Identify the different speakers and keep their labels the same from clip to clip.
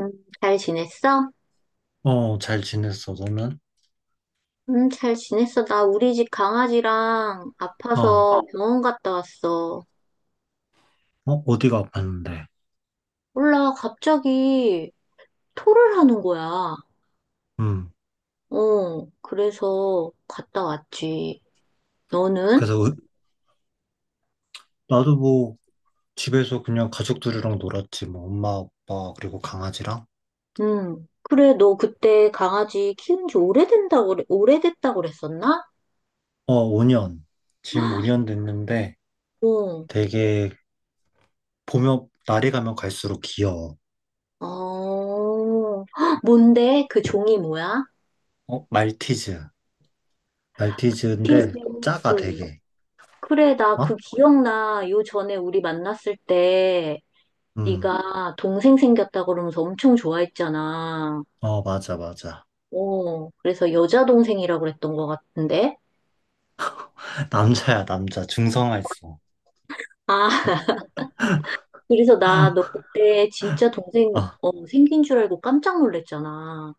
Speaker 1: 음, 잘 지냈어?
Speaker 2: 어, 잘 지냈어, 너는?
Speaker 1: 잘 지냈어. 나 우리 집 강아지랑
Speaker 2: 어, 어,
Speaker 1: 아파서 병원 갔다 왔어.
Speaker 2: 어디가 아팠는데?
Speaker 1: 몰라, 갑자기 토를 하는 거야.
Speaker 2: 음,
Speaker 1: 그래서 갔다 왔지. 너는?
Speaker 2: 그래서 나도 뭐 집에서 그냥 가족들이랑 놀았지, 뭐 엄마, 아빠, 그리고 강아지랑.
Speaker 1: 그래, 너 그때 강아지 키운 지 오래된다고, 오래됐다고 그랬었나?
Speaker 2: 어, 5년. 지금 5년 됐는데
Speaker 1: 어,
Speaker 2: 되게 보면, 날이 가면 갈수록 귀여워.
Speaker 1: 어, 헉, 뭔데? 그 종이 뭐야?
Speaker 2: 어, 말티즈.
Speaker 1: 키스.
Speaker 2: 말티즈인데 작아, 되게.
Speaker 1: 그래, 나
Speaker 2: 어?
Speaker 1: 그 기억나. 요 전에 우리 만났을 때.
Speaker 2: 음,
Speaker 1: 네가 동생 생겼다 그러면서 엄청 좋아했잖아.
Speaker 2: 어, 맞아, 맞아.
Speaker 1: 그래서 여자 동생이라고 그랬던 것 같은데.
Speaker 2: 남자야, 남자. 중성화했어.
Speaker 1: 아, 그래서 나 너 그때 진짜 동생
Speaker 2: 아,
Speaker 1: 생긴 줄 알고 깜짝 놀랐잖아.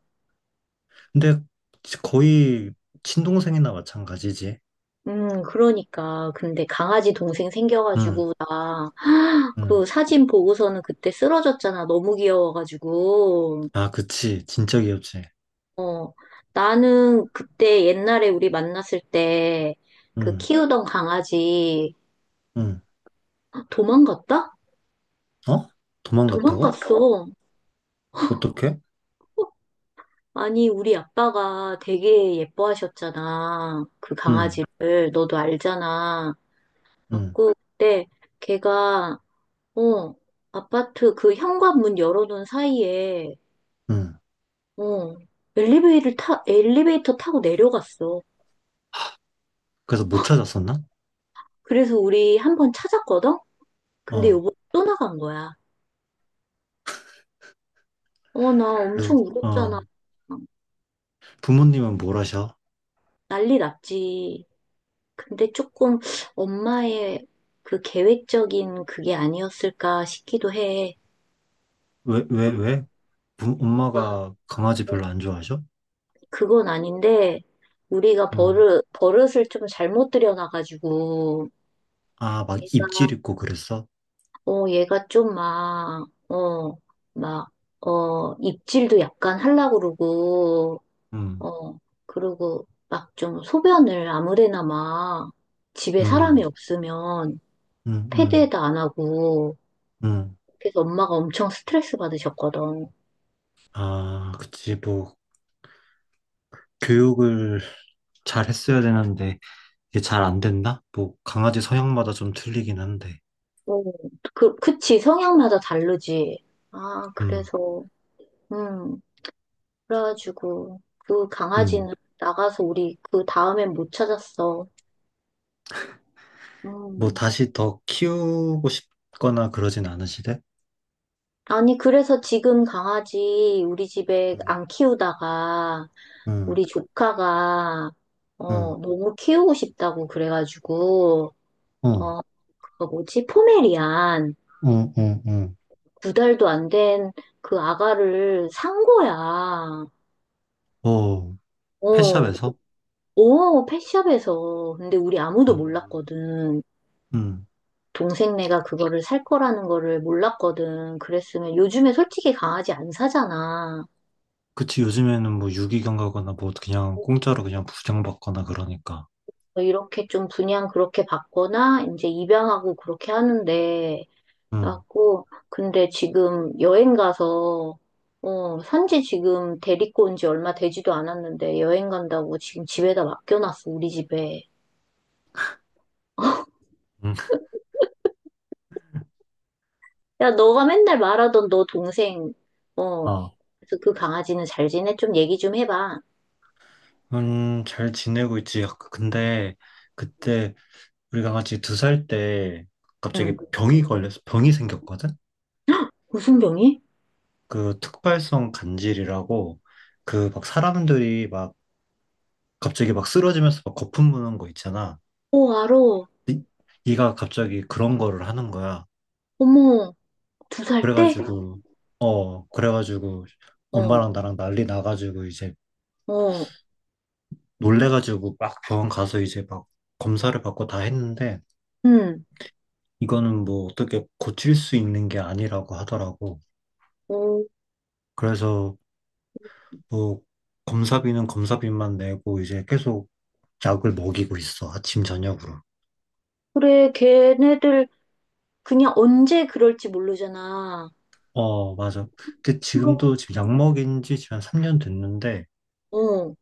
Speaker 2: 근데 거의 친동생이나 마찬가지지.
Speaker 1: 그러니까. 근데 강아지 동생
Speaker 2: 응,
Speaker 1: 생겨가지고 나
Speaker 2: 응.
Speaker 1: 그 사진 보고서는 그때 쓰러졌잖아. 너무 귀여워가지고.
Speaker 2: 아, 그치. 진짜 귀엽지.
Speaker 1: 어, 나는 그때 옛날에 우리 만났을 때 그
Speaker 2: 응,
Speaker 1: 키우던 강아지
Speaker 2: 응.
Speaker 1: 도망갔다?
Speaker 2: 어? 도망갔다고?
Speaker 1: 도망갔어.
Speaker 2: 어떻게?
Speaker 1: 아니, 우리 아빠가 되게 예뻐하셨잖아. 그
Speaker 2: 응,
Speaker 1: 강아지를. 너도 알잖아.
Speaker 2: 응,
Speaker 1: 그래갖고 그때 걔가, 어, 아파트 그 현관문 열어놓은 사이에,
Speaker 2: 응.
Speaker 1: 어, 엘리베이터 타고 내려갔어.
Speaker 2: 그래서 못 찾았었나?
Speaker 1: 그래서 우리 한번 찾았거든? 근데
Speaker 2: 어.
Speaker 1: 요번에 또 나간 거야. 어, 나
Speaker 2: 그래서,
Speaker 1: 엄청
Speaker 2: 어.
Speaker 1: 울었잖아.
Speaker 2: 부모님은 뭘 하셔?
Speaker 1: 난리 났지. 근데 조금 엄마의 그 계획적인 그게 아니었을까 싶기도 해.
Speaker 2: 왜, 왜, 왜?
Speaker 1: 뭔가
Speaker 2: 엄마가 강아지 별로 안 좋아하셔?
Speaker 1: 그건 아닌데, 우리가
Speaker 2: 응.
Speaker 1: 버릇을 좀 잘못 들여놔가지고,
Speaker 2: 아, 막
Speaker 1: 얘가,
Speaker 2: 입질 있고 그랬어?
Speaker 1: 어, 얘가 좀 막, 막, 입질도 약간 하려고 그러고,
Speaker 2: 응,
Speaker 1: 어, 그러고 막 좀 소변을 아무데나 막 집에
Speaker 2: 응,
Speaker 1: 사람이 없으면
Speaker 2: 응, 응,
Speaker 1: 패드에다 안 하고,
Speaker 2: 응.
Speaker 1: 그래서 엄마가 엄청 스트레스 받으셨거든.
Speaker 2: 아, 그치. 뭐, 교육을 잘 했어야 되는데, 이게 잘 안 된다? 뭐, 강아지 성향마다 좀 틀리긴 한데.
Speaker 1: 어, 그치, 성향마다 다르지. 아,
Speaker 2: 응,
Speaker 1: 그래서, 음, 그래가지고, 그
Speaker 2: 응.
Speaker 1: 강아지는 나가서 우리 그 다음엔 못 찾았어.
Speaker 2: 뭐
Speaker 1: 음.
Speaker 2: 다시 더 키우고 싶거나 그러진 않으시대?
Speaker 1: 아니, 그래서 지금 강아지 우리 집에
Speaker 2: 응,
Speaker 1: 안 키우다가,
Speaker 2: 응,
Speaker 1: 우리 조카가,
Speaker 2: 응,
Speaker 1: 너무 키우고 싶다고 그래가지고,
Speaker 2: 어, 어,
Speaker 1: 어, 그거 뭐지? 포메리안.
Speaker 2: 어,
Speaker 1: 두 달도 안 된 그 아가를 산 거야.
Speaker 2: 어, 어,
Speaker 1: 어,
Speaker 2: 펫샵에서?
Speaker 1: 오, 펫샵에서. 근데 우리 아무도
Speaker 2: 음,
Speaker 1: 몰랐거든.
Speaker 2: 음.
Speaker 1: 동생네가 그거를 살 거라는 거를 몰랐거든. 그랬으면 요즘에 솔직히 강아지 안 사잖아.
Speaker 2: 그치, 요즘에는 뭐 유기견 가거나 뭐 그냥 공짜로 그냥 부양받거나 그러니까.
Speaker 1: 이렇게 좀 분양 그렇게 받거나 이제 입양하고 그렇게 하는데
Speaker 2: 응,
Speaker 1: 갖고 근데 지금 여행 가서 어, 산지 지금 데리고 온지 얼마 되지도 않았는데 여행 간다고 지금 집에다 맡겨놨어, 우리 집에.
Speaker 2: 응,
Speaker 1: 야, 너가 맨날 말하던 너 동생, 어,
Speaker 2: 아
Speaker 1: 그래서 그 강아지는 잘 지내? 좀 얘기 좀 해봐.
Speaker 2: 잘 지내고 있지. 아, 근데 그때 우리 강아지 2살 때 갑자기
Speaker 1: 응.
Speaker 2: 병이 걸려서 병이 생겼거든?
Speaker 1: 무슨 병이?
Speaker 2: 그 특발성 간질이라고 그 막 사람들이 막 갑자기 막 쓰러지면서 막 거품 무는 거 있잖아.
Speaker 1: 오, 알아.
Speaker 2: 이- 얘가 갑자기 그런 거를 하는 거야.
Speaker 1: 어머, 두 살 때?
Speaker 2: 그래가지고, 어, 그래가지고
Speaker 1: 어,
Speaker 2: 엄마랑 나랑 난리 나가지고 이제
Speaker 1: 어,
Speaker 2: 놀래가지고 막 병원 가서 이제 막 검사를 받고 다 했는데
Speaker 1: 응.
Speaker 2: 이거는 뭐 어떻게 고칠 수 있는 게 아니라고 하더라고.
Speaker 1: 어,
Speaker 2: 그래서 뭐 검사비는 검사비만 내고 이제 계속 약을 먹이고 있어. 아침, 저녁으로.
Speaker 1: 그래, 걔네들 그냥 언제 그럴지 모르잖아.
Speaker 2: 어, 맞아. 근데
Speaker 1: 그럼,
Speaker 2: 지금도 지금 약 먹인 지 지금 한 3년 됐는데
Speaker 1: 어,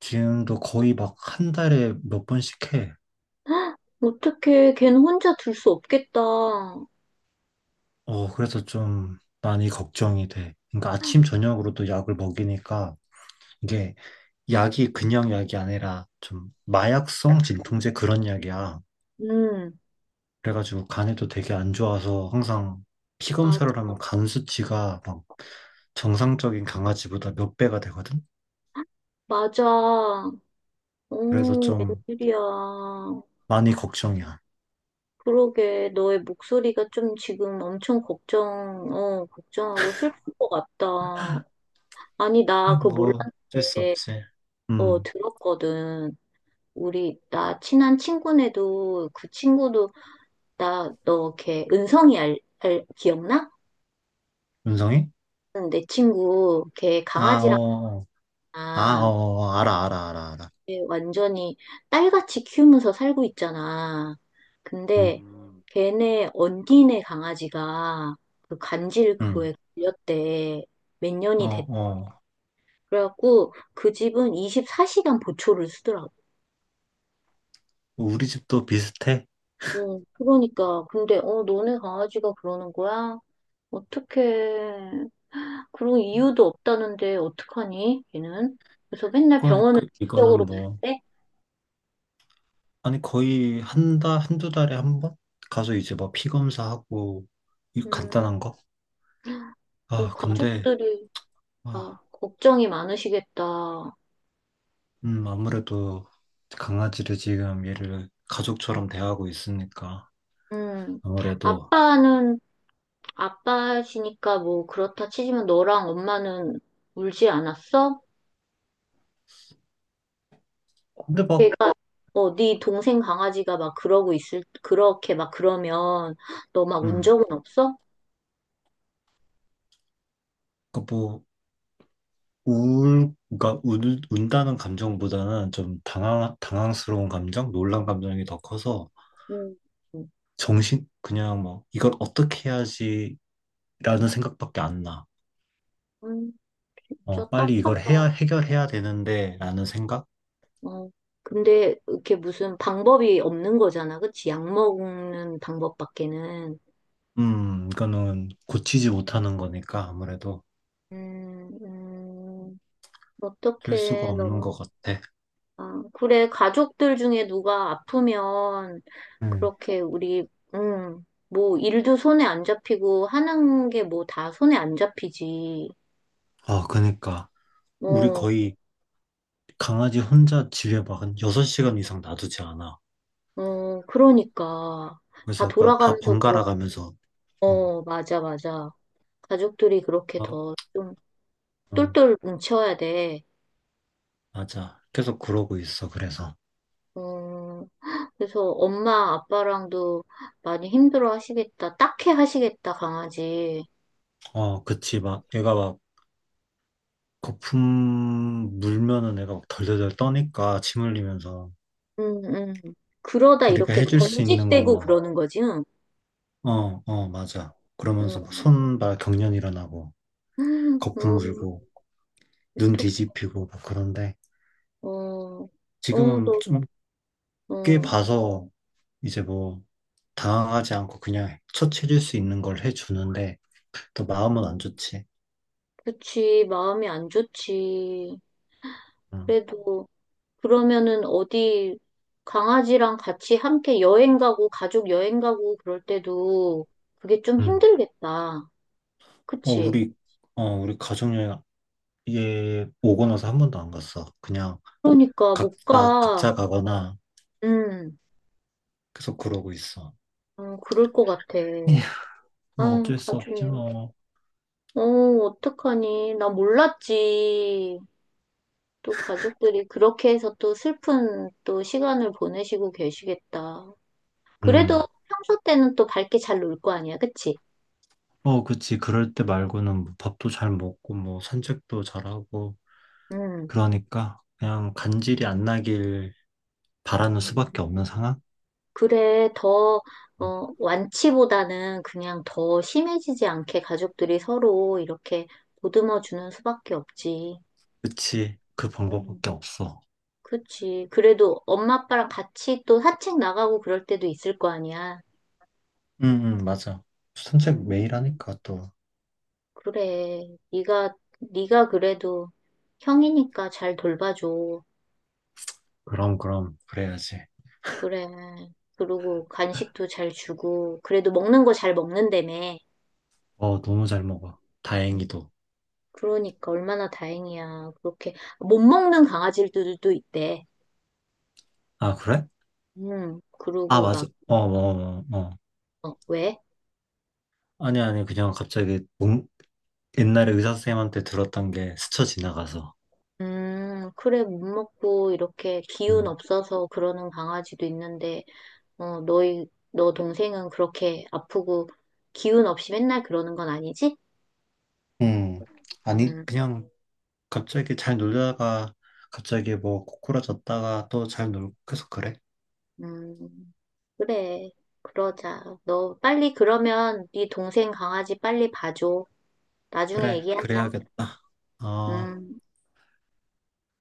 Speaker 2: 지금도 거의 막 한 달에 몇 번씩 해.
Speaker 1: 어떡해. 걔는 혼자 둘 수 없겠다.
Speaker 2: 어, 그래서 좀 많이 걱정이 돼. 그러니까 아침, 저녁으로도 약을 먹이니까 이게 약이 그냥 약이 아니라 좀 마약성 진통제 그런 약이야.
Speaker 1: 응,
Speaker 2: 그래가지고 간에도 되게 안 좋아서 항상 피
Speaker 1: 맞아.
Speaker 2: 검사를 하면 간 수치가 막 정상적인 강아지보다 몇 배가 되거든?
Speaker 1: 맞아. 어,
Speaker 2: 그래서 좀
Speaker 1: 웬일이야.
Speaker 2: 많이 걱정이야.
Speaker 1: 그러게, 너의 목소리가 좀 지금 엄청 걱정, 어, 걱정하고 슬픈 것 같다. 아니, 나
Speaker 2: 에,
Speaker 1: 그거
Speaker 2: 뭐, 어쩔 수
Speaker 1: 몰랐는데,
Speaker 2: 없지.
Speaker 1: 어,
Speaker 2: 음,
Speaker 1: 들었거든. 우리, 나 친한 친구네도, 그 친구도, 나, 너, 걔, 은성이 알, 기억나?
Speaker 2: 윤성이?
Speaker 1: 응, 내 친구, 걔
Speaker 2: 아,
Speaker 1: 강아지랑,
Speaker 2: 어. 아, 어, 어, 알아, 알아, 알아, 알아.
Speaker 1: 이제 완전히 딸같이 키우면서 살고 있잖아. 근데
Speaker 2: 음,
Speaker 1: 걔네 언니네 강아지가 그 간질
Speaker 2: 응,
Speaker 1: 그거에 걸렸대. 몇
Speaker 2: 어,
Speaker 1: 년이 됐
Speaker 2: 어.
Speaker 1: 래갖고 그 집은 24시간 보초를 쓰더라고.
Speaker 2: 우리 집도 비슷해.
Speaker 1: 응, 그러니까. 근데, 어, 너네 강아지가 그러는 거야? 어떡해. 그런 이유도 없다는데, 어떡하니, 얘는? 그래서 맨날 병원을
Speaker 2: 그러니까 이거는
Speaker 1: 직접으로 가야
Speaker 2: 뭐,
Speaker 1: 돼?
Speaker 2: 아니, 거의 한 달, 한 두 달에 한 번? 가서 이제 막 피 검사하고, 이
Speaker 1: 음,
Speaker 2: 간단한 거?
Speaker 1: 그
Speaker 2: 아, 근데,
Speaker 1: 가족들이
Speaker 2: 아,
Speaker 1: 다 걱정이 많으시겠다.
Speaker 2: 아무래도 강아지를 지금 얘를 가족처럼 대하고 있으니까,
Speaker 1: 음,
Speaker 2: 아무래도,
Speaker 1: 아빠는, 아빠시니까 뭐 그렇다 치지만 너랑 엄마는 울지 않았어?
Speaker 2: 근데 막,
Speaker 1: 걔가, 네 동생 강아지가 막 그러고 그렇게 막 그러면 너 막 운
Speaker 2: 음,
Speaker 1: 적은 없어?
Speaker 2: 그러니까 뭐, 울, 그러니까 운, 운다는 감정보다는 좀 당황스러운 감정, 놀란 감정이 더 커서,
Speaker 1: 음,
Speaker 2: 정신, 그냥 뭐, 이걸 어떻게 해야지라는 생각밖에 안 나.
Speaker 1: 음, 진짜
Speaker 2: 어, 빨리 이걸
Speaker 1: 딱하다.
Speaker 2: 해결해야 되는데, 라는 생각?
Speaker 1: 어. 근데 이렇게 무슨 방법이 없는 거잖아. 그치? 약 먹는 방법밖에는.
Speaker 2: 이거는 고치지 못하는 거니까 아무래도
Speaker 1: 음, 음,
Speaker 2: 될 수가
Speaker 1: 어떡해.
Speaker 2: 없는
Speaker 1: 너무.
Speaker 2: 것 같아.
Speaker 1: 아, 그래, 가족들 중에 누가 아프면
Speaker 2: 음.
Speaker 1: 그렇게 우리, 뭐 일도 손에 안 잡히고 하는 게 뭐 다 손에 안 잡히지.
Speaker 2: 아, 그니까. 우리
Speaker 1: 어,
Speaker 2: 거의 강아지 혼자 집에 막 한 6시간 이상 놔두지 않아.
Speaker 1: 어, 그러니까. 다
Speaker 2: 그래서 막다
Speaker 1: 돌아가면서 그렇,
Speaker 2: 번갈아 가면서, 어,
Speaker 1: 어, 맞아, 맞아. 가족들이 그렇게
Speaker 2: 어,
Speaker 1: 더 좀
Speaker 2: 어,
Speaker 1: 똘똘 뭉쳐야 돼.
Speaker 2: 맞아. 계속 그러고 있어. 그래서.
Speaker 1: 어, 그래서 엄마, 아빠랑도 많이 힘들어 하시겠다. 딱해 하시겠다, 강아지.
Speaker 2: 어, 그치. 막, 얘가 막, 거품 물면은 애가 막 덜덜덜 떠니까 침 흘리면서
Speaker 1: 음, 음. 그러다
Speaker 2: 우리가
Speaker 1: 이렇게
Speaker 2: 해줄 수 있는
Speaker 1: 경직되고
Speaker 2: 거는
Speaker 1: 그러는 거지, 응.
Speaker 2: 어, 어, 맞아. 그러면서 막
Speaker 1: 음,
Speaker 2: 손발 경련 일어나고
Speaker 1: 음,
Speaker 2: 거품 물고 눈
Speaker 1: 또,
Speaker 2: 뒤집히고 막 그런데
Speaker 1: 어, 어,
Speaker 2: 지금은
Speaker 1: 너,
Speaker 2: 좀 꽤
Speaker 1: 어,
Speaker 2: 봐서 이제 뭐 당황하지 않고 그냥 처치해줄 수 있는 걸 해주는데 또 마음은 안
Speaker 1: 음,
Speaker 2: 좋지.
Speaker 1: 그치, 마음이 안 좋지.
Speaker 2: 응.
Speaker 1: 그래도, 그러면은 어디, 강아지랑 같이 함께 여행 가고, 가족 여행 가고 그럴 때도 그게 좀
Speaker 2: 응.
Speaker 1: 힘들겠다.
Speaker 2: 어,
Speaker 1: 그치?
Speaker 2: 우리 어, 우리 가족여행 얘 오고 나서 한 번도 안 갔어. 그냥
Speaker 1: 그러니까 못
Speaker 2: 각자
Speaker 1: 가.
Speaker 2: 각자 가거나
Speaker 1: 음,
Speaker 2: 계속 그러고 있어.
Speaker 1: 어, 그럴 것 같아.
Speaker 2: 에휴, 뭐
Speaker 1: 아,
Speaker 2: 어쩔 수 없지
Speaker 1: 가족이.
Speaker 2: 뭐.
Speaker 1: 어, 어떡하니. 나 몰랐지. 또 가족들이 그렇게 해서 또 슬픈 또 시간을 보내시고 계시겠다. 그래도
Speaker 2: 음,
Speaker 1: 평소 때는 또 밝게 잘 놀 거 아니야, 그치?
Speaker 2: 어, 그치. 그럴 때 말고는 뭐 밥도 잘 먹고 뭐 산책도 잘하고
Speaker 1: 음.
Speaker 2: 그러니까 그냥 간질이 안 나길 바라는 수밖에 없는 상황?
Speaker 1: 그래, 더,
Speaker 2: 음,
Speaker 1: 어, 완치보다는 그냥 더 심해지지 않게 가족들이 서로 이렇게 보듬어 주는 수밖에 없지.
Speaker 2: 그치. 그
Speaker 1: 음,
Speaker 2: 방법밖에 없어.
Speaker 1: 그치. 그래도 엄마 아빠랑 같이 또 산책 나가고 그럴 때도 있을 거 아니야.
Speaker 2: 응, 응, 맞아. 산책
Speaker 1: 음,
Speaker 2: 매일 하니까 또.
Speaker 1: 그래. 네가 그래도 형이니까 잘 돌봐줘.
Speaker 2: 그럼, 그럼. 그래야지.
Speaker 1: 그래. 그리고 간식도 잘 주고 그래도 먹는 거 잘 먹는다며.
Speaker 2: 어, 너무 잘 먹어.
Speaker 1: 음,
Speaker 2: 다행히도.
Speaker 1: 그러니까 얼마나 다행이야. 그렇게 못 먹는 강아지들도 있대.
Speaker 2: 아, 그래?
Speaker 1: 음.
Speaker 2: 아,
Speaker 1: 그러고
Speaker 2: 맞아.
Speaker 1: 막
Speaker 2: 어, 어, 어, 어.
Speaker 1: 어, 왜?
Speaker 2: 아니, 아니. 그냥 갑자기 옛날에 의사 선생님한테 들었던 게 스쳐 지나가서.
Speaker 1: 그래, 못 먹고 이렇게 기운 없어서 그러는 강아지도 있는데, 어, 너 동생은 그렇게 아프고 기운 없이 맨날 그러는 건 아니지?
Speaker 2: 음, 아니,
Speaker 1: 음,
Speaker 2: 그냥 갑자기 잘 놀다가 갑자기 뭐 고꾸라졌다가 또 잘 놀고 계속 그래?
Speaker 1: 음. 그래, 그러자. 너 빨리 그러면 네 동생 강아지 빨리 봐줘. 나중에
Speaker 2: 그래,
Speaker 1: 얘기하자.
Speaker 2: 그래야겠다. 어.
Speaker 1: 음.